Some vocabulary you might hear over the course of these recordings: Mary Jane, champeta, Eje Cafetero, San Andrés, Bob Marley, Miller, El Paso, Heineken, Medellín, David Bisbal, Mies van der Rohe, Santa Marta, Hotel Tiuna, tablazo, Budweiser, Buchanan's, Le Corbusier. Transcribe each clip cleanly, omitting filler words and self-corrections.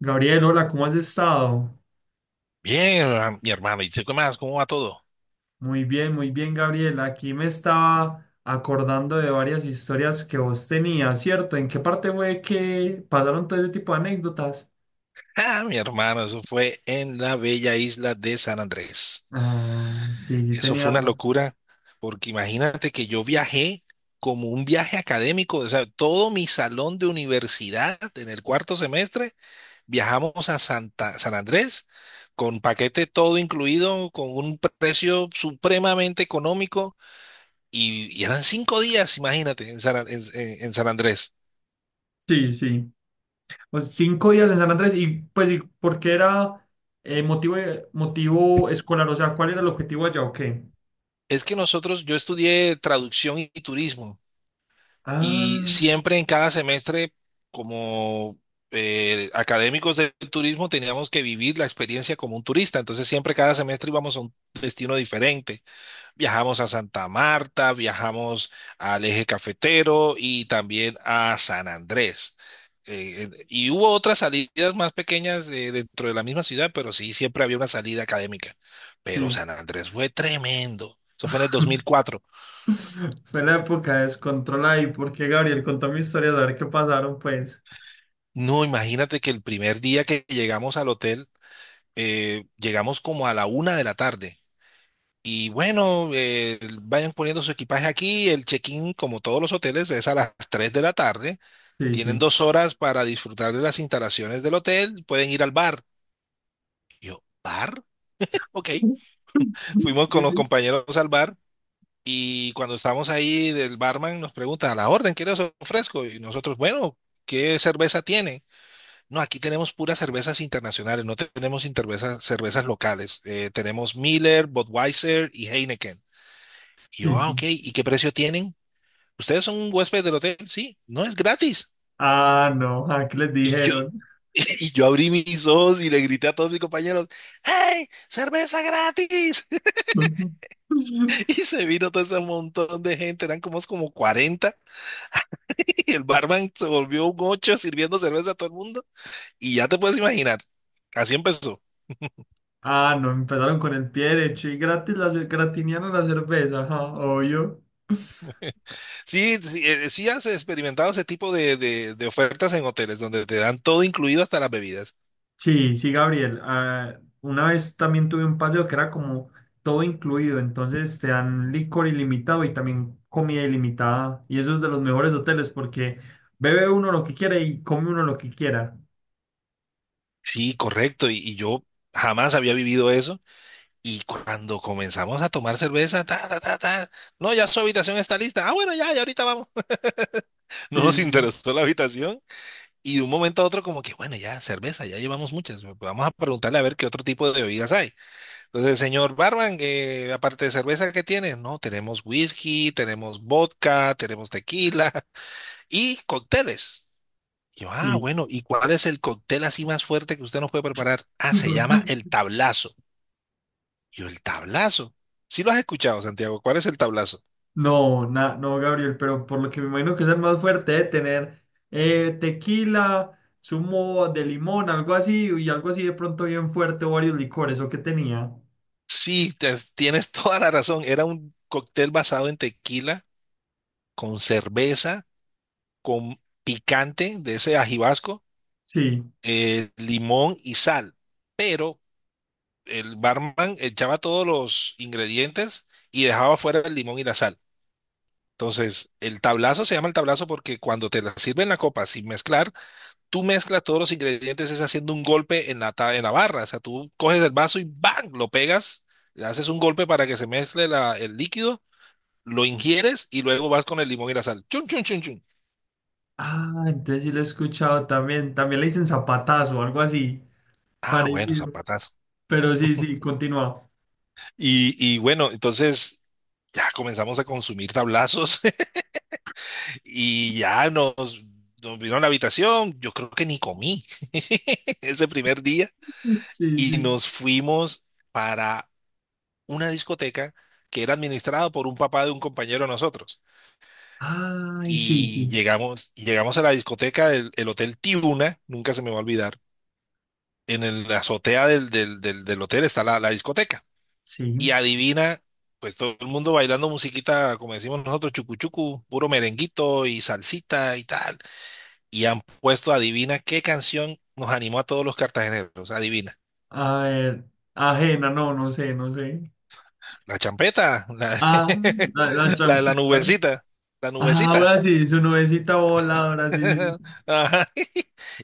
Gabriel, hola, ¿cómo has estado? Bien, mi hermano. ¿Y tú qué más? ¿Cómo va todo? Muy bien, Gabriel. Aquí me estaba acordando de varias historias que vos tenías, ¿cierto? ¿En qué parte fue que pasaron todo ese tipo de anécdotas? Ah, mi hermano, eso fue en la bella isla de San Andrés. Ah, sí, sí Eso fue tenía. una locura, porque imagínate que yo viajé como un viaje académico, o sea, todo mi salón de universidad en el cuarto semestre viajamos a San Andrés con paquete todo incluido, con un precio supremamente económico y eran cinco días, imagínate, en en San Andrés. Sí, sí. Pues 5 días en San Andrés y pues, ¿y por qué era motivo, motivo escolar? O sea, ¿cuál era el objetivo allá o qué? Es que nosotros, yo estudié traducción y turismo y Ah, siempre en cada semestre, como académicos del turismo, teníamos que vivir la experiencia como un turista. Entonces siempre cada semestre íbamos a un destino diferente. Viajamos a Santa Marta, viajamos al Eje Cafetero y también a San Andrés. Y hubo otras salidas más pequeñas dentro de la misma ciudad, pero sí, siempre había una salida académica. Pero sí. San Andrés fue tremendo. Eso fue en el dos mil cuatro. Fue la época de descontrol ahí, porque Gabriel contó mi historia, a ver qué pasaron, pues. No, imagínate que el primer día que llegamos al hotel, llegamos como a la una de la tarde. Y bueno, vayan poniendo su equipaje aquí. El check-in, como todos los hoteles, es a las 3 de la tarde. Sí, Tienen sí. dos horas para disfrutar de las instalaciones del hotel. Pueden ir al bar. Y yo, ¿bar? Ok. Fuimos con los Sí, compañeros al bar. Y cuando estamos ahí, el barman nos pregunta, ¿a la orden qué les ofrezco? Y nosotros, bueno, ¿qué cerveza tiene? No, aquí tenemos puras cervezas internacionales, no tenemos cervezas locales. Tenemos Miller, Budweiser y Heineken. Y yo, sí. ah, Sí. ok, ¿y qué precio tienen? ¿Ustedes son un huésped del hotel? Sí, no es gratis. Ah, no, ah, ¿qué les Y yo, dijeron? y yo abrí mis ojos y le grité a todos mis compañeros, ¡Hey, cerveza gratis! Y se vino todo ese montón de gente, eran como 40, y el barman se volvió un ocho sirviendo cerveza a todo el mundo. Y ya te puedes imaginar, así empezó. Ah, no, empezaron con el pie derecho y gratis la gratiniana la cerveza, ajá, obvio. Sí, sí, sí has experimentado ese tipo de, de ofertas en hoteles donde te dan todo incluido hasta las bebidas. Sí, sí, Gabriel. Ah, una vez también tuve un paseo que era como todo incluido, entonces te dan licor ilimitado y también comida ilimitada. Y eso es de los mejores hoteles porque bebe uno lo que quiere y come uno lo que quiera. Sí, correcto. Y yo jamás había vivido eso. Y cuando comenzamos a tomar cerveza, ta, ta, ta, ta, no, ya su habitación está lista. Ah, bueno, ya ahorita vamos. No Sí, nos sí, interesó la habitación. Y de un momento a otro como que, bueno, ya, cerveza, ya llevamos muchas. Vamos a preguntarle a ver qué otro tipo de bebidas hay. Entonces, señor Barban, aparte de cerveza, ¿qué tienes? No, tenemos whisky, tenemos vodka, tenemos tequila y cócteles. Y yo, ah, sí. bueno, ¿y cuál es el cóctel así más fuerte que usted nos puede preparar? Ah, se llama el tablazo. Y yo, el tablazo. Sí lo has escuchado, Santiago. ¿Cuál es el tablazo? No, no, Gabriel, pero por lo que me imagino que es el más fuerte de tener tequila, zumo de limón, algo así, y algo así de pronto bien fuerte, o varios licores, ¿o qué tenía? Sí, tienes toda la razón. Era un cóctel basado en tequila, con cerveza, con picante de ese ajibasco, Sí. Limón y sal, pero el barman echaba todos los ingredientes y dejaba fuera el limón y la sal. Entonces, el tablazo se llama el tablazo porque cuando te la sirven la copa sin mezclar, tú mezclas todos los ingredientes, es haciendo un golpe en en la barra. O sea, tú coges el vaso y ¡bang!, lo pegas, le haces un golpe para que se mezcle el líquido, lo ingieres y luego vas con el limón y la sal. ¡Chun, chun, chun, chun! Ah, entonces sí lo he escuchado también. También le dicen zapatazo, algo así, Ah, bueno, parecido. zapatazo. Pero sí, sí, continúa. Y bueno, entonces ya comenzamos a consumir tablazos. Y ya nos vino a la habitación, yo creo que ni comí ese primer día. Sí, Y sí. nos fuimos para una discoteca que era administrada por un papá de un compañero de nosotros. Ay, sí, Y sí. llegamos, y llegamos a la discoteca del el Hotel Tiuna, nunca se me va a olvidar. En la azotea del hotel está la discoteca. Y Sí. adivina, pues todo el mundo bailando musiquita, como decimos nosotros, chucu chucu, puro merenguito y salsita y tal. Y han puesto, adivina qué canción nos animó a todos los cartageneros, adivina. A ver, ajena, no, no sé, no sé. La champeta, Ah, la la champeta. nubecita, la Ah, ahora nubecita. sí, su nubecita voladora, sí, sí, Ajá.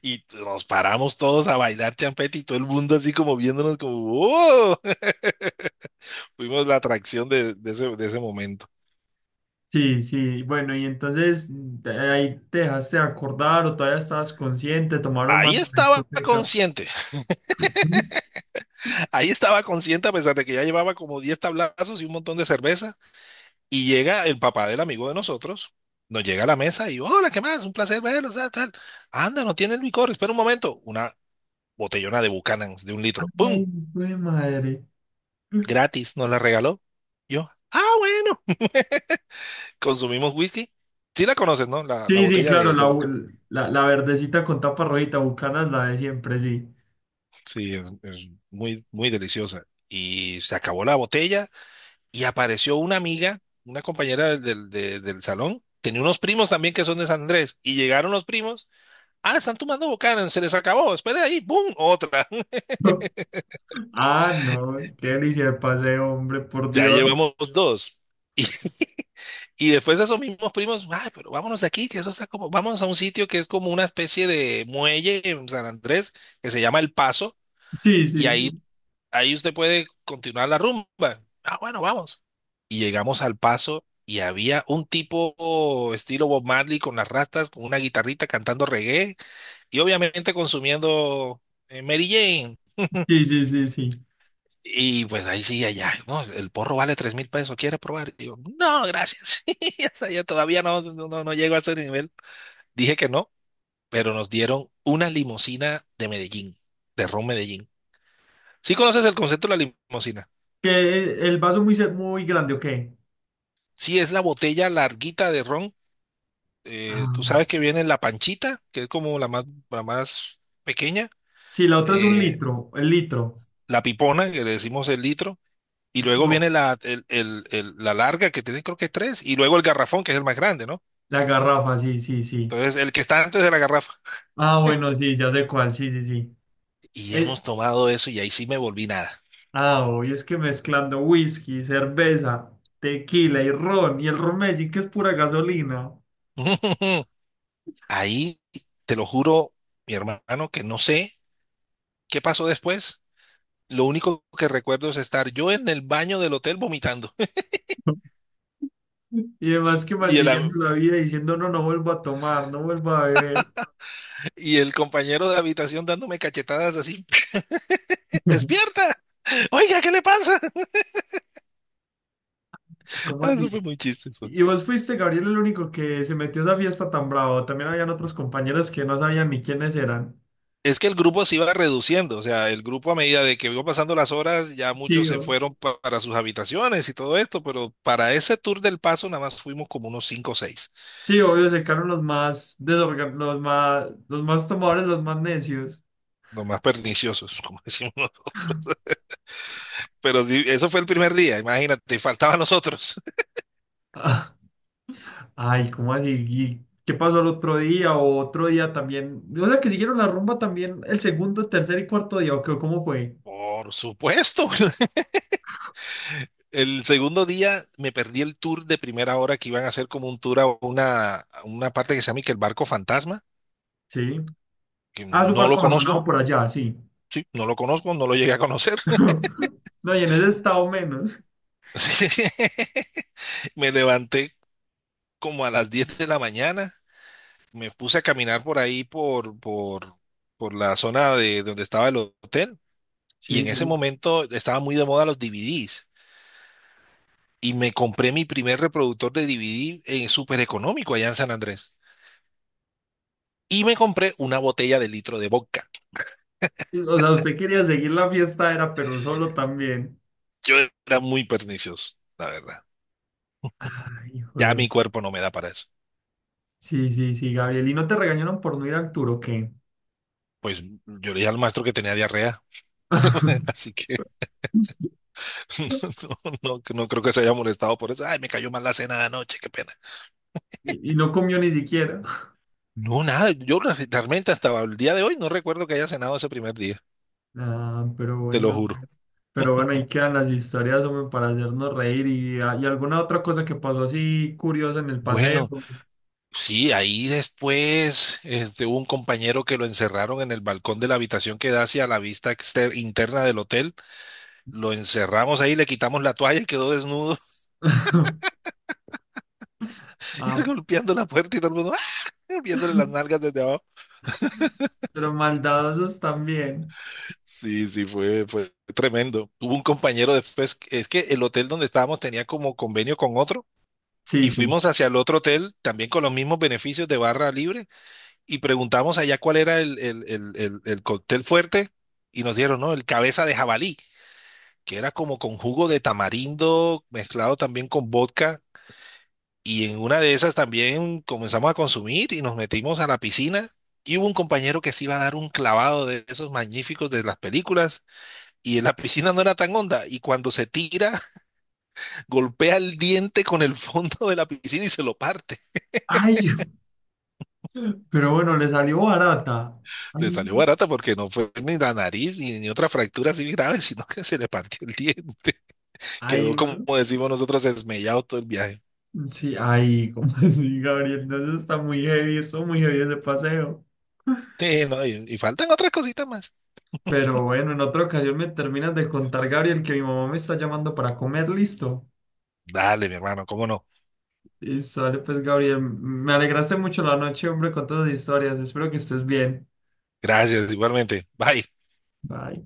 Y nos paramos todos a bailar champeta y todo el mundo así como viéndonos como, ¡oh! Fuimos la atracción de, de ese momento. sí. Sí. Bueno, y entonces de ahí te dejaste de acordar o todavía estabas consciente, tomaron más Ahí en la estaba discoteca. consciente, Ujú. ahí estaba consciente a pesar de que ya llevaba como 10 tablazos y un montón de cerveza. Y llega el papá del amigo de nosotros, nos llega a la mesa y, hola, ¿qué más? Un placer verlos, tal, tal. Anda, no tiene el licor, espera un momento. Una botellona de Buchanan's de un litro, Ay, ¡pum! güey, madre. Gratis, nos la regaló. Yo, ah, bueno, consumimos whisky. Sí la conoces, ¿no? La Sí, sí, botella claro, de la, Buchanan's. la, la verdecita con tapa rojita, Bucanas, la de siempre, sí. Sí, es, muy deliciosa. Y se acabó la botella y apareció una amiga, una compañera del del salón. Tenía unos primos también que son de San Andrés y llegaron los primos. Ah, están tomando Buchanan, se les acabó, espera ahí, ¡boom! Otra. Ah, no, qué delicia de pase, hombre, por Ya Dios. llevamos dos. Y, y después de esos mismos primos, ay, pero vámonos de aquí, que eso está como, vamos a un sitio que es como una especie de muelle en San Andrés, que se llama El Paso, Sí, y sí, ahí, sí, ahí usted puede continuar la rumba. Ah, bueno, vamos. Y llegamos al Paso y había un tipo estilo Bob Marley con las rastas, con una guitarrita cantando reggae y obviamente consumiendo Mary Jane. sí, sí, sí, sí. Y pues ahí sí, allá, no, el porro vale 3000 pesos, ¿quiere probar? Y yo, no, gracias. Yo todavía no, no llego a ese nivel. Dije que no, pero nos dieron una limusina de Medellín, de ron Medellín. ¿Sí conoces el concepto de la limusina? Que el vaso muy, muy grande, ¿o qué? Sí, es la botella larguita de ron. Ah, Tú bueno. sabes que viene la panchita, que es como la más pequeña, Sí, la otra es un eh, litro, el litro. la pipona, que le decimos el litro, y luego No, viene la, el- la larga, que tiene creo que tres, y luego el garrafón, que es el más grande, no. la garrafa, sí, sí, sí. Entonces, el que está antes de la garrafa. Ah, bueno, sí, ya sé cuál, sí, sí, sí. Y Eh, hemos tomado eso y ahí sí me volví nada. ah, obvio, es que mezclando whisky, cerveza, tequila y ron, y el ron Medellín, que es pura gasolina. Ahí, te lo juro, mi hermano, que no sé qué pasó después. Lo único que recuerdo es estar yo en el baño del hotel vomitando Y además que y maldiciendo la vida diciendo, no, no vuelvo a tomar, no vuelvo a beber. y el compañero de habitación dándome cachetadas así, despierta, oiga, ¿qué le pasa? ¿Cómo Eso fue así? muy chistoso. Y vos fuiste, Gabriel, el único que se metió a esa fiesta tan bravo. También habían otros compañeros que no sabían ni quiénes eran. Es que el grupo se iba reduciendo, o sea, el grupo a medida de que iba pasando las horas, ya muchos se Tío. fueron para sus habitaciones y todo esto, pero para ese tour del paso nada más fuimos como unos cinco o seis, Sí, obvio, se secaron los más desorgan, los más tomadores, los más necios. los más perniciosos, como decimos nosotros. Pero sí, eso fue el primer día, imagínate, y faltaban nosotros. Ay, ¿cómo así? ¿Y qué pasó el otro día o otro día también? O sea, que siguieron la rumba también el segundo, tercer y cuarto día, ¿o qué? ¿Cómo fue? Por supuesto. El segundo día me perdí el tour de primera hora que iban a hacer como un tour a a una parte que se llama y que el barco fantasma, Sí. que Ah, su no lo barco conozco, abandonado por allá, sí. sí, no lo conozco, no lo llegué a conocer. No, y en ese estado menos. Sí. Me levanté como a las 10 de la mañana, me puse a caminar por ahí, por la zona de donde estaba el hotel, y Sí, en ese sí. momento estaba muy de moda los DVDs, y me compré mi primer reproductor de DVD en súper económico allá en San Andrés, y me compré una botella de litro de vodka. O sea, usted quería seguir la fiesta, era, pero solo también. Yo era muy pernicioso, la verdad. Ay, Ya mi juego. cuerpo no me da para eso. Sí, sí, sí, Gabriel. ¿Y no te regañaron por no ir al tour o qué? Pues yo le dije al maestro que tenía diarrea, así que no, creo que se haya molestado por eso. Ay, me cayó mal la cena de anoche, qué pena. Y, y no comió ni siquiera. No, nada, yo realmente hasta el día de hoy no recuerdo que haya cenado ese primer día, Ah, pero te lo bueno. juro. Pero bueno, ahí quedan las historias, hombre, para hacernos reír. Y, ah, y alguna otra cosa que pasó así curiosa en el Bueno, paseo. sí, ahí después este, hubo un compañero que lo encerraron en el balcón de la habitación que da hacia la vista interna del hotel. Lo encerramos ahí, le quitamos la toalla y quedó desnudo y él Ah, golpeando la puerta y todo el mundo ¡ah!, viéndole las nalgas desde abajo. pero maldadosos también. Sí, sí, fue tremendo. Hubo un compañero después, es que el hotel donde estábamos tenía como convenio con otro Sí, y sí. fuimos hacia el otro hotel también con los mismos beneficios de barra libre y preguntamos allá cuál era el cóctel fuerte y nos dieron, ¿no? El cabeza de jabalí, que era como con jugo de tamarindo mezclado también con vodka. Y en una de esas también comenzamos a consumir y nos metimos a la piscina. Y hubo un compañero que se iba a dar un clavado de esos magníficos de las películas y en la piscina no era tan honda y cuando se tira golpea el diente con el fondo de la piscina y se lo parte. Ay, pero bueno, le salió barata. Ay, Le salió güey. barata porque no fue ni la nariz ni, ni otra fractura así grave, sino que se le partió el diente. Ay, Quedó como güey. decimos nosotros, esmellado todo el viaje. Sí, ay, ¿cómo así, Gabriel? Entonces está muy heavy, estuvo muy heavy ese paseo. Sí, no, y faltan otras cositas más. Pero bueno, en otra ocasión me terminas de contar, Gabriel, que mi mamá me está llamando para comer, listo. Dale, mi hermano, cómo no. Y sale pues, Gabriel, me alegraste mucho la noche, hombre, con todas las historias. Espero que estés bien. Gracias, igualmente. Bye. Bye.